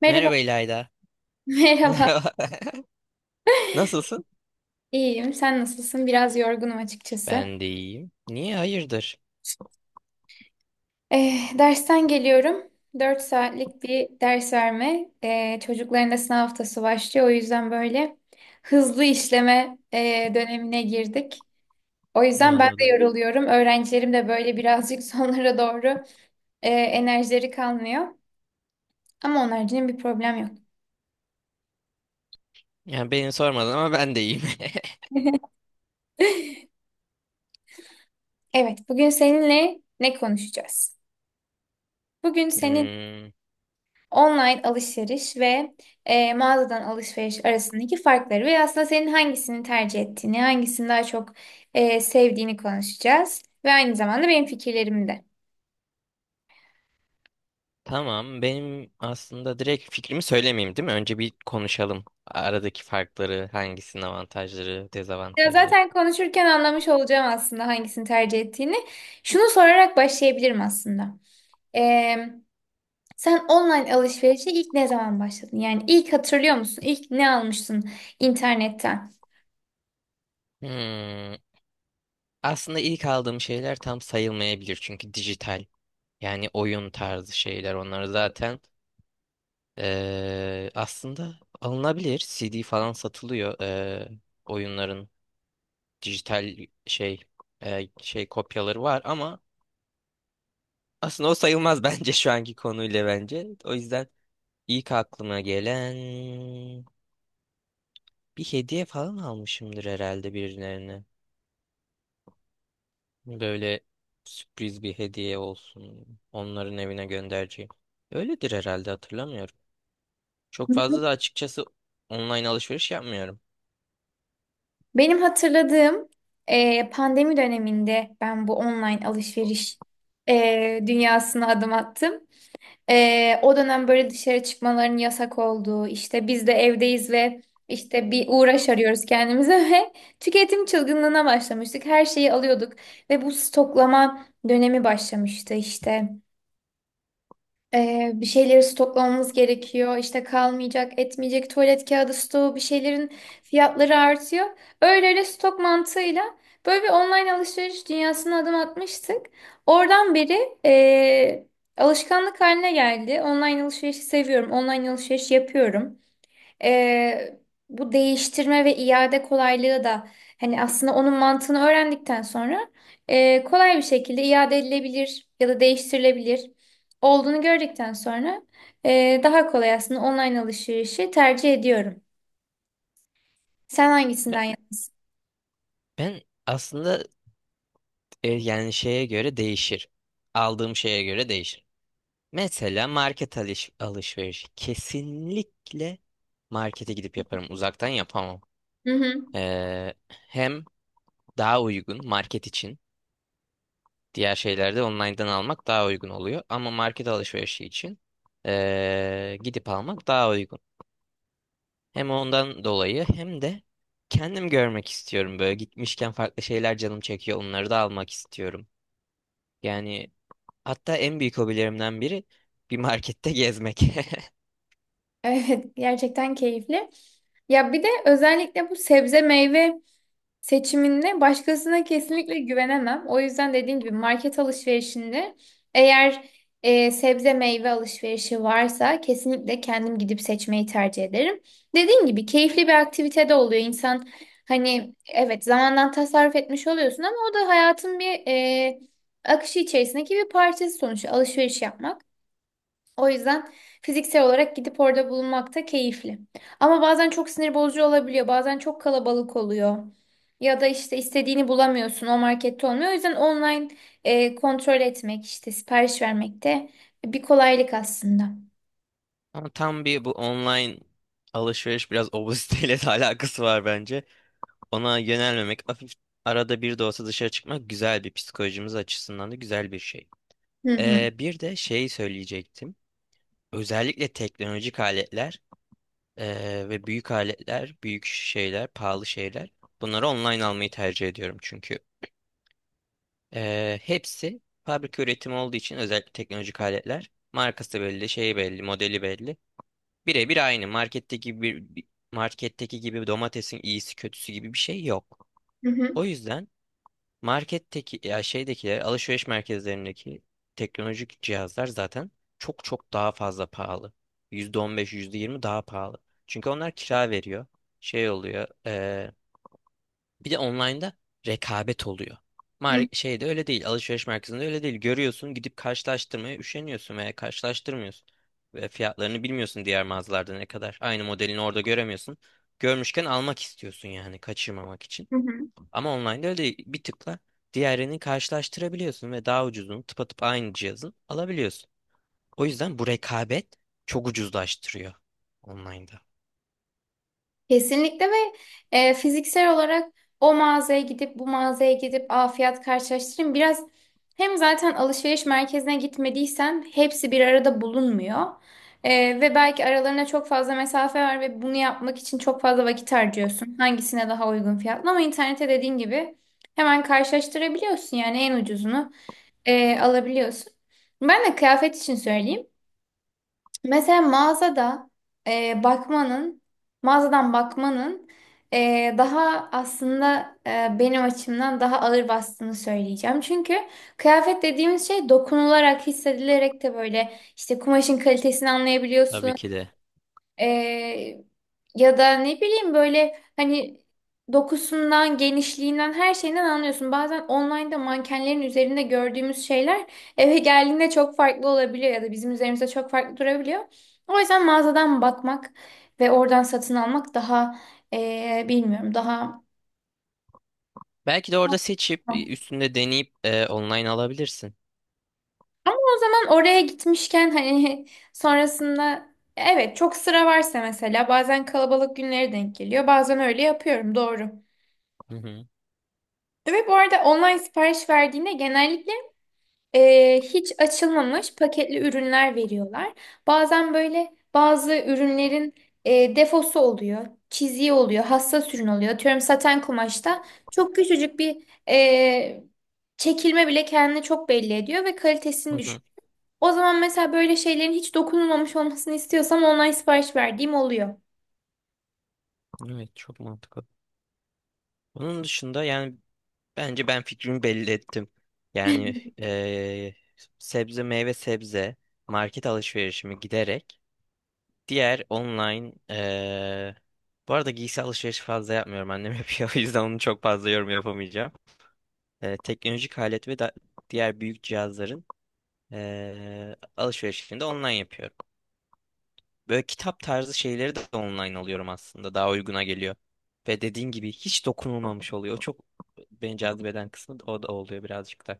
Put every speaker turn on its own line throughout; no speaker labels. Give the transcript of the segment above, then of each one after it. Merhaba,
Merhaba İlayda.
merhaba.
Merhaba. Nasılsın?
İyiyim. Sen nasılsın? Biraz yorgunum açıkçası.
Ben de iyiyim. Niye hayırdır?
Dersten geliyorum. 4 saatlik bir ders verme. Çocukların da sınav haftası başlıyor. O yüzden böyle hızlı işleme dönemine girdik. O
Ne
yüzden ben de
anladım.
yoruluyorum. Öğrencilerim de böyle birazcık sonlara doğru enerjileri kalmıyor. Ama onun haricinde bir problem yok.
Yani beni sormadın ama ben de iyiyim.
Evet, bugün seninle ne konuşacağız? Bugün senin
Hmm,
online alışveriş ve mağazadan alışveriş arasındaki farkları ve aslında senin hangisini tercih ettiğini, hangisini daha çok sevdiğini konuşacağız. Ve aynı zamanda benim fikirlerimi de.
tamam. Benim aslında direkt fikrimi söylemeyeyim değil mi? Önce bir konuşalım. Aradaki farkları, hangisinin avantajları,
Ya
dezavantajları.
zaten konuşurken anlamış olacağım aslında hangisini tercih ettiğini. Şunu sorarak başlayabilirim aslında. E, Sen online alışverişe ilk ne zaman başladın? Yani ilk hatırlıyor musun? İlk ne almıştın internetten?
Hmm, aslında ilk aldığım şeyler tam sayılmayabilir çünkü dijital. Yani oyun tarzı şeyler. Onları zaten aslında alınabilir. CD falan satılıyor. Oyunların dijital şey şey kopyaları var ama aslında o sayılmaz bence şu anki konuyla bence. O yüzden ilk aklıma gelen bir hediye falan almışımdır herhalde birilerine. Böyle sürpriz bir hediye olsun. Onların evine göndereceğim. Öyledir herhalde hatırlamıyorum. Çok fazla da açıkçası online alışveriş yapmıyorum.
Benim hatırladığım pandemi döneminde ben bu online alışveriş dünyasına adım attım. O dönem böyle dışarı çıkmaların yasak olduğu, işte biz de evdeyiz ve işte bir uğraş arıyoruz kendimize ve tüketim çılgınlığına başlamıştık. Her şeyi alıyorduk ve bu stoklama dönemi başlamıştı işte. Bir şeyleri stoklamamız gerekiyor. İşte kalmayacak, etmeyecek tuvalet kağıdı stoğu bir şeylerin fiyatları artıyor. Öyle öyle stok mantığıyla böyle bir online alışveriş dünyasına adım atmıştık. Oradan beri eee, alışkanlık haline geldi. Online alışverişi seviyorum. Online alışveriş yapıyorum. Ee, Bu değiştirme ve iade kolaylığı da hani aslında onun mantığını öğrendikten sonra kolay bir şekilde iade edilebilir ya da değiştirilebilir olduğunu gördükten sonra daha kolay aslında online alışverişi tercih ediyorum. Sen
Ben
hangisinden yana?
ben aslında yani şeye göre değişir. Aldığım şeye göre değişir. Mesela market alış alışveriş. Kesinlikle markete gidip yaparım. Uzaktan yapamam.
Hı hı.
Hem daha uygun market için. Diğer şeylerde online'dan almak daha uygun oluyor. Ama market alışverişi için gidip almak daha uygun. Hem ondan dolayı hem de kendim görmek istiyorum. Böyle gitmişken farklı şeyler canım çekiyor. Onları da almak istiyorum. Yani hatta en büyük hobilerimden biri bir markette gezmek.
Evet, gerçekten keyifli. Ya bir de özellikle bu sebze meyve seçiminde başkasına kesinlikle güvenemem. O yüzden dediğim gibi market alışverişinde eğer sebze meyve alışverişi varsa kesinlikle kendim gidip seçmeyi tercih ederim. Dediğim gibi keyifli bir aktivite de oluyor. İnsan hani evet zamandan tasarruf etmiş oluyorsun ama o da hayatın bir akışı içerisindeki bir parçası sonuçta alışveriş yapmak. O yüzden fiziksel olarak gidip orada bulunmak da keyifli. Ama bazen çok sinir bozucu olabiliyor. Bazen çok kalabalık oluyor. Ya da işte istediğini bulamıyorsun. O markette olmuyor. O yüzden online kontrol etmek, işte sipariş vermek de bir kolaylık aslında.
Ama tam bir bu online alışveriş biraz obeziteyle de alakası var bence. Ona yönelmemek, hafif arada bir de olsa dışarı çıkmak güzel bir psikolojimiz açısından da güzel bir şey.
Hı hı.
Bir de şey söyleyecektim. Özellikle teknolojik aletler ve büyük aletler, büyük şeyler, pahalı şeyler. Bunları online almayı tercih ediyorum çünkü. Hepsi fabrika üretimi olduğu için özellikle teknolojik aletler. Markası belli, şeyi belli, modeli belli. Birebir aynı. Marketteki gibi domatesin iyisi kötüsü gibi bir şey yok.
Hı hı.
O yüzden marketteki ya şeydekiler, alışveriş merkezlerindeki teknolojik cihazlar zaten çok çok daha fazla pahalı. %15, yüzde yirmi daha pahalı. Çünkü onlar kira veriyor. Şey oluyor. Bir de online'da rekabet oluyor. Mar şeyde öyle değil. Alışveriş merkezinde öyle değil. Görüyorsun gidip karşılaştırmaya üşeniyorsun veya karşılaştırmıyorsun. Ve fiyatlarını bilmiyorsun diğer mağazalarda ne kadar. Aynı modelini orada göremiyorsun. Görmüşken almak istiyorsun yani kaçırmamak için.
Hı hı.
Ama online'da öyle değil. Bir tıkla diğerini karşılaştırabiliyorsun ve daha ucuzunu tıpatıp aynı cihazın alabiliyorsun. O yüzden bu rekabet çok ucuzlaştırıyor online'da.
Kesinlikle ve fiziksel olarak o mağazaya gidip bu mağazaya gidip aa fiyat karşılaştırayım. Biraz hem zaten alışveriş merkezine gitmediysen hepsi bir arada bulunmuyor. Ve belki aralarına çok fazla mesafe var ve bunu yapmak için çok fazla vakit harcıyorsun. Hangisine daha uygun fiyatlı ama internete dediğin gibi hemen karşılaştırabiliyorsun yani en ucuzunu alabiliyorsun. Ben de kıyafet için söyleyeyim. Mesela mağazada bakmanın, mağazadan bakmanın daha aslında benim açımdan daha ağır bastığını söyleyeceğim. Çünkü kıyafet dediğimiz şey dokunularak, hissedilerek de böyle işte kumaşın kalitesini
Tabii
anlayabiliyorsun.
ki de.
Ee, Ya da ne bileyim böyle hani dokusundan, genişliğinden, her şeyinden anlıyorsun. Bazen online'da mankenlerin üzerinde gördüğümüz şeyler eve geldiğinde çok farklı olabiliyor ya da bizim üzerimizde çok farklı durabiliyor. O yüzden mağazadan bakmak ve oradan satın almak daha bilmiyorum daha
Belki de orada seçip üstünde deneyip online alabilirsin.
ama o zaman oraya gitmişken hani sonrasında evet çok sıra varsa mesela bazen kalabalık günlere denk geliyor. Bazen öyle yapıyorum doğru.
Hı hı.
Ve bu arada online sipariş verdiğinde genellikle hiç açılmamış paketli ürünler veriyorlar. Bazen böyle bazı ürünlerin defosu oluyor, çiziği oluyor, hassas ürün oluyor. Atıyorum saten kumaşta çok küçücük bir e, çekilme bile kendini çok belli ediyor ve
Hı
kalitesini düşük.
hı.
O zaman mesela böyle şeylerin hiç dokunulmamış olmasını istiyorsam online sipariş verdiğim oluyor.
Evet, çok mantıklı. Onun dışında yani bence ben fikrimi belli ettim. Yani e, sebze market alışverişimi giderek diğer online bu arada giysi alışverişi fazla yapmıyorum annem yapıyor o yüzden onu çok fazla yorum yapamayacağım. Teknolojik alet ve da- diğer büyük cihazların alışverişini de online yapıyorum. Böyle kitap tarzı şeyleri de online alıyorum aslında. Daha uyguna geliyor. Ve dediğin gibi hiç dokunulmamış oluyor. O çok beni cazibeden kısmı da o da oluyor birazcık da.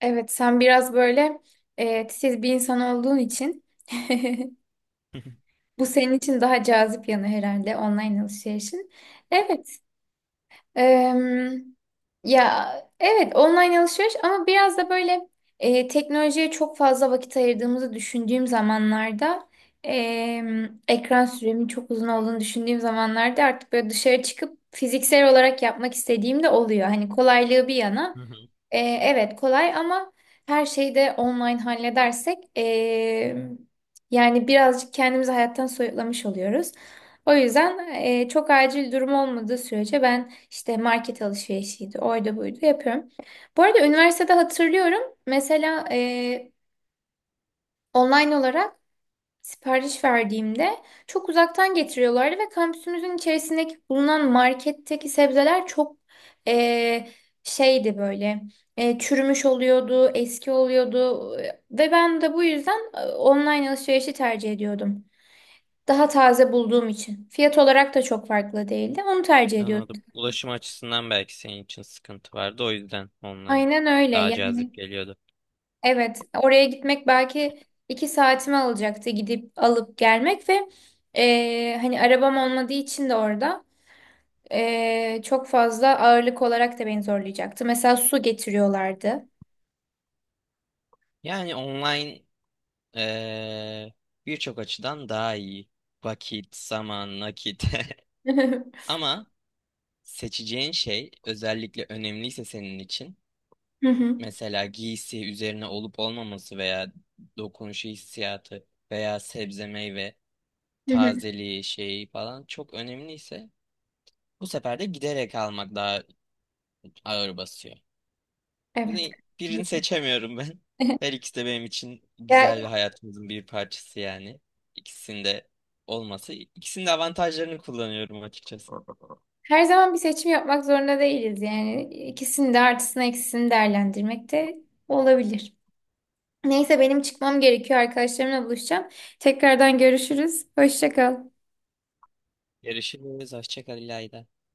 Evet, sen biraz böyle titiz bir insan olduğun için. Bu senin için daha cazip yanı herhalde online alışverişin. Evet. em, Ya evet online alışveriş ama biraz da böyle teknolojiye çok fazla vakit ayırdığımızı düşündüğüm zamanlarda ekran süremin çok uzun olduğunu düşündüğüm zamanlarda artık böyle dışarı çıkıp fiziksel olarak yapmak istediğim de oluyor. Hani kolaylığı bir yana.
Hı hı.
Evet kolay ama her şeyi de online halledersek yani birazcık kendimizi hayattan soyutlamış oluyoruz. O yüzden çok acil durum olmadığı sürece ben işte market alışverişiydi, oydu buydu yapıyorum. Bu arada üniversitede hatırlıyorum mesela online olarak sipariş verdiğimde çok uzaktan getiriyorlardı ve kampüsümüzün içerisindeki bulunan marketteki sebzeler çok eee, şeydi böyle çürümüş oluyordu, eski oluyordu ve ben de bu yüzden online alışverişi tercih ediyordum. Daha taze bulduğum için. Fiyat olarak da çok farklı değildi. Onu tercih ediyordum.
Anladım. Ulaşım açısından belki senin için sıkıntı vardı. O yüzden online
Aynen öyle.
daha
Yani
cazip geliyordu.
evet oraya gitmek belki 2 saatimi alacaktı gidip alıp gelmek ve hani arabam olmadığı için de orada. Çok fazla ağırlık olarak da beni zorlayacaktı. Mesela su getiriyorlardı.
Yani online eee, birçok açıdan daha iyi. Vakit, zaman, nakit. Ama seçeceğin şey özellikle önemliyse senin için
Hı hı.
mesela giysi üzerine olup olmaması veya dokunuşu hissiyatı veya sebze meyve
Hı hı.
tazeliği şeyi falan çok önemliyse bu sefer de giderek almak daha ağır basıyor.
Evet.
Yani birini seçemiyorum ben. Her ikisi de benim için
Ya
güzel ve hayatımızın bir parçası yani. İkisinde olması, ikisinin de avantajlarını kullanıyorum açıkçası.
her zaman bir seçim yapmak zorunda değiliz yani. İkisini de artısını eksisini değerlendirmek de olabilir. Neyse benim çıkmam gerekiyor. Arkadaşlarımla buluşacağım. Tekrardan görüşürüz. Hoşça kal.
Görüşürüz. Hoşça kal İlayda.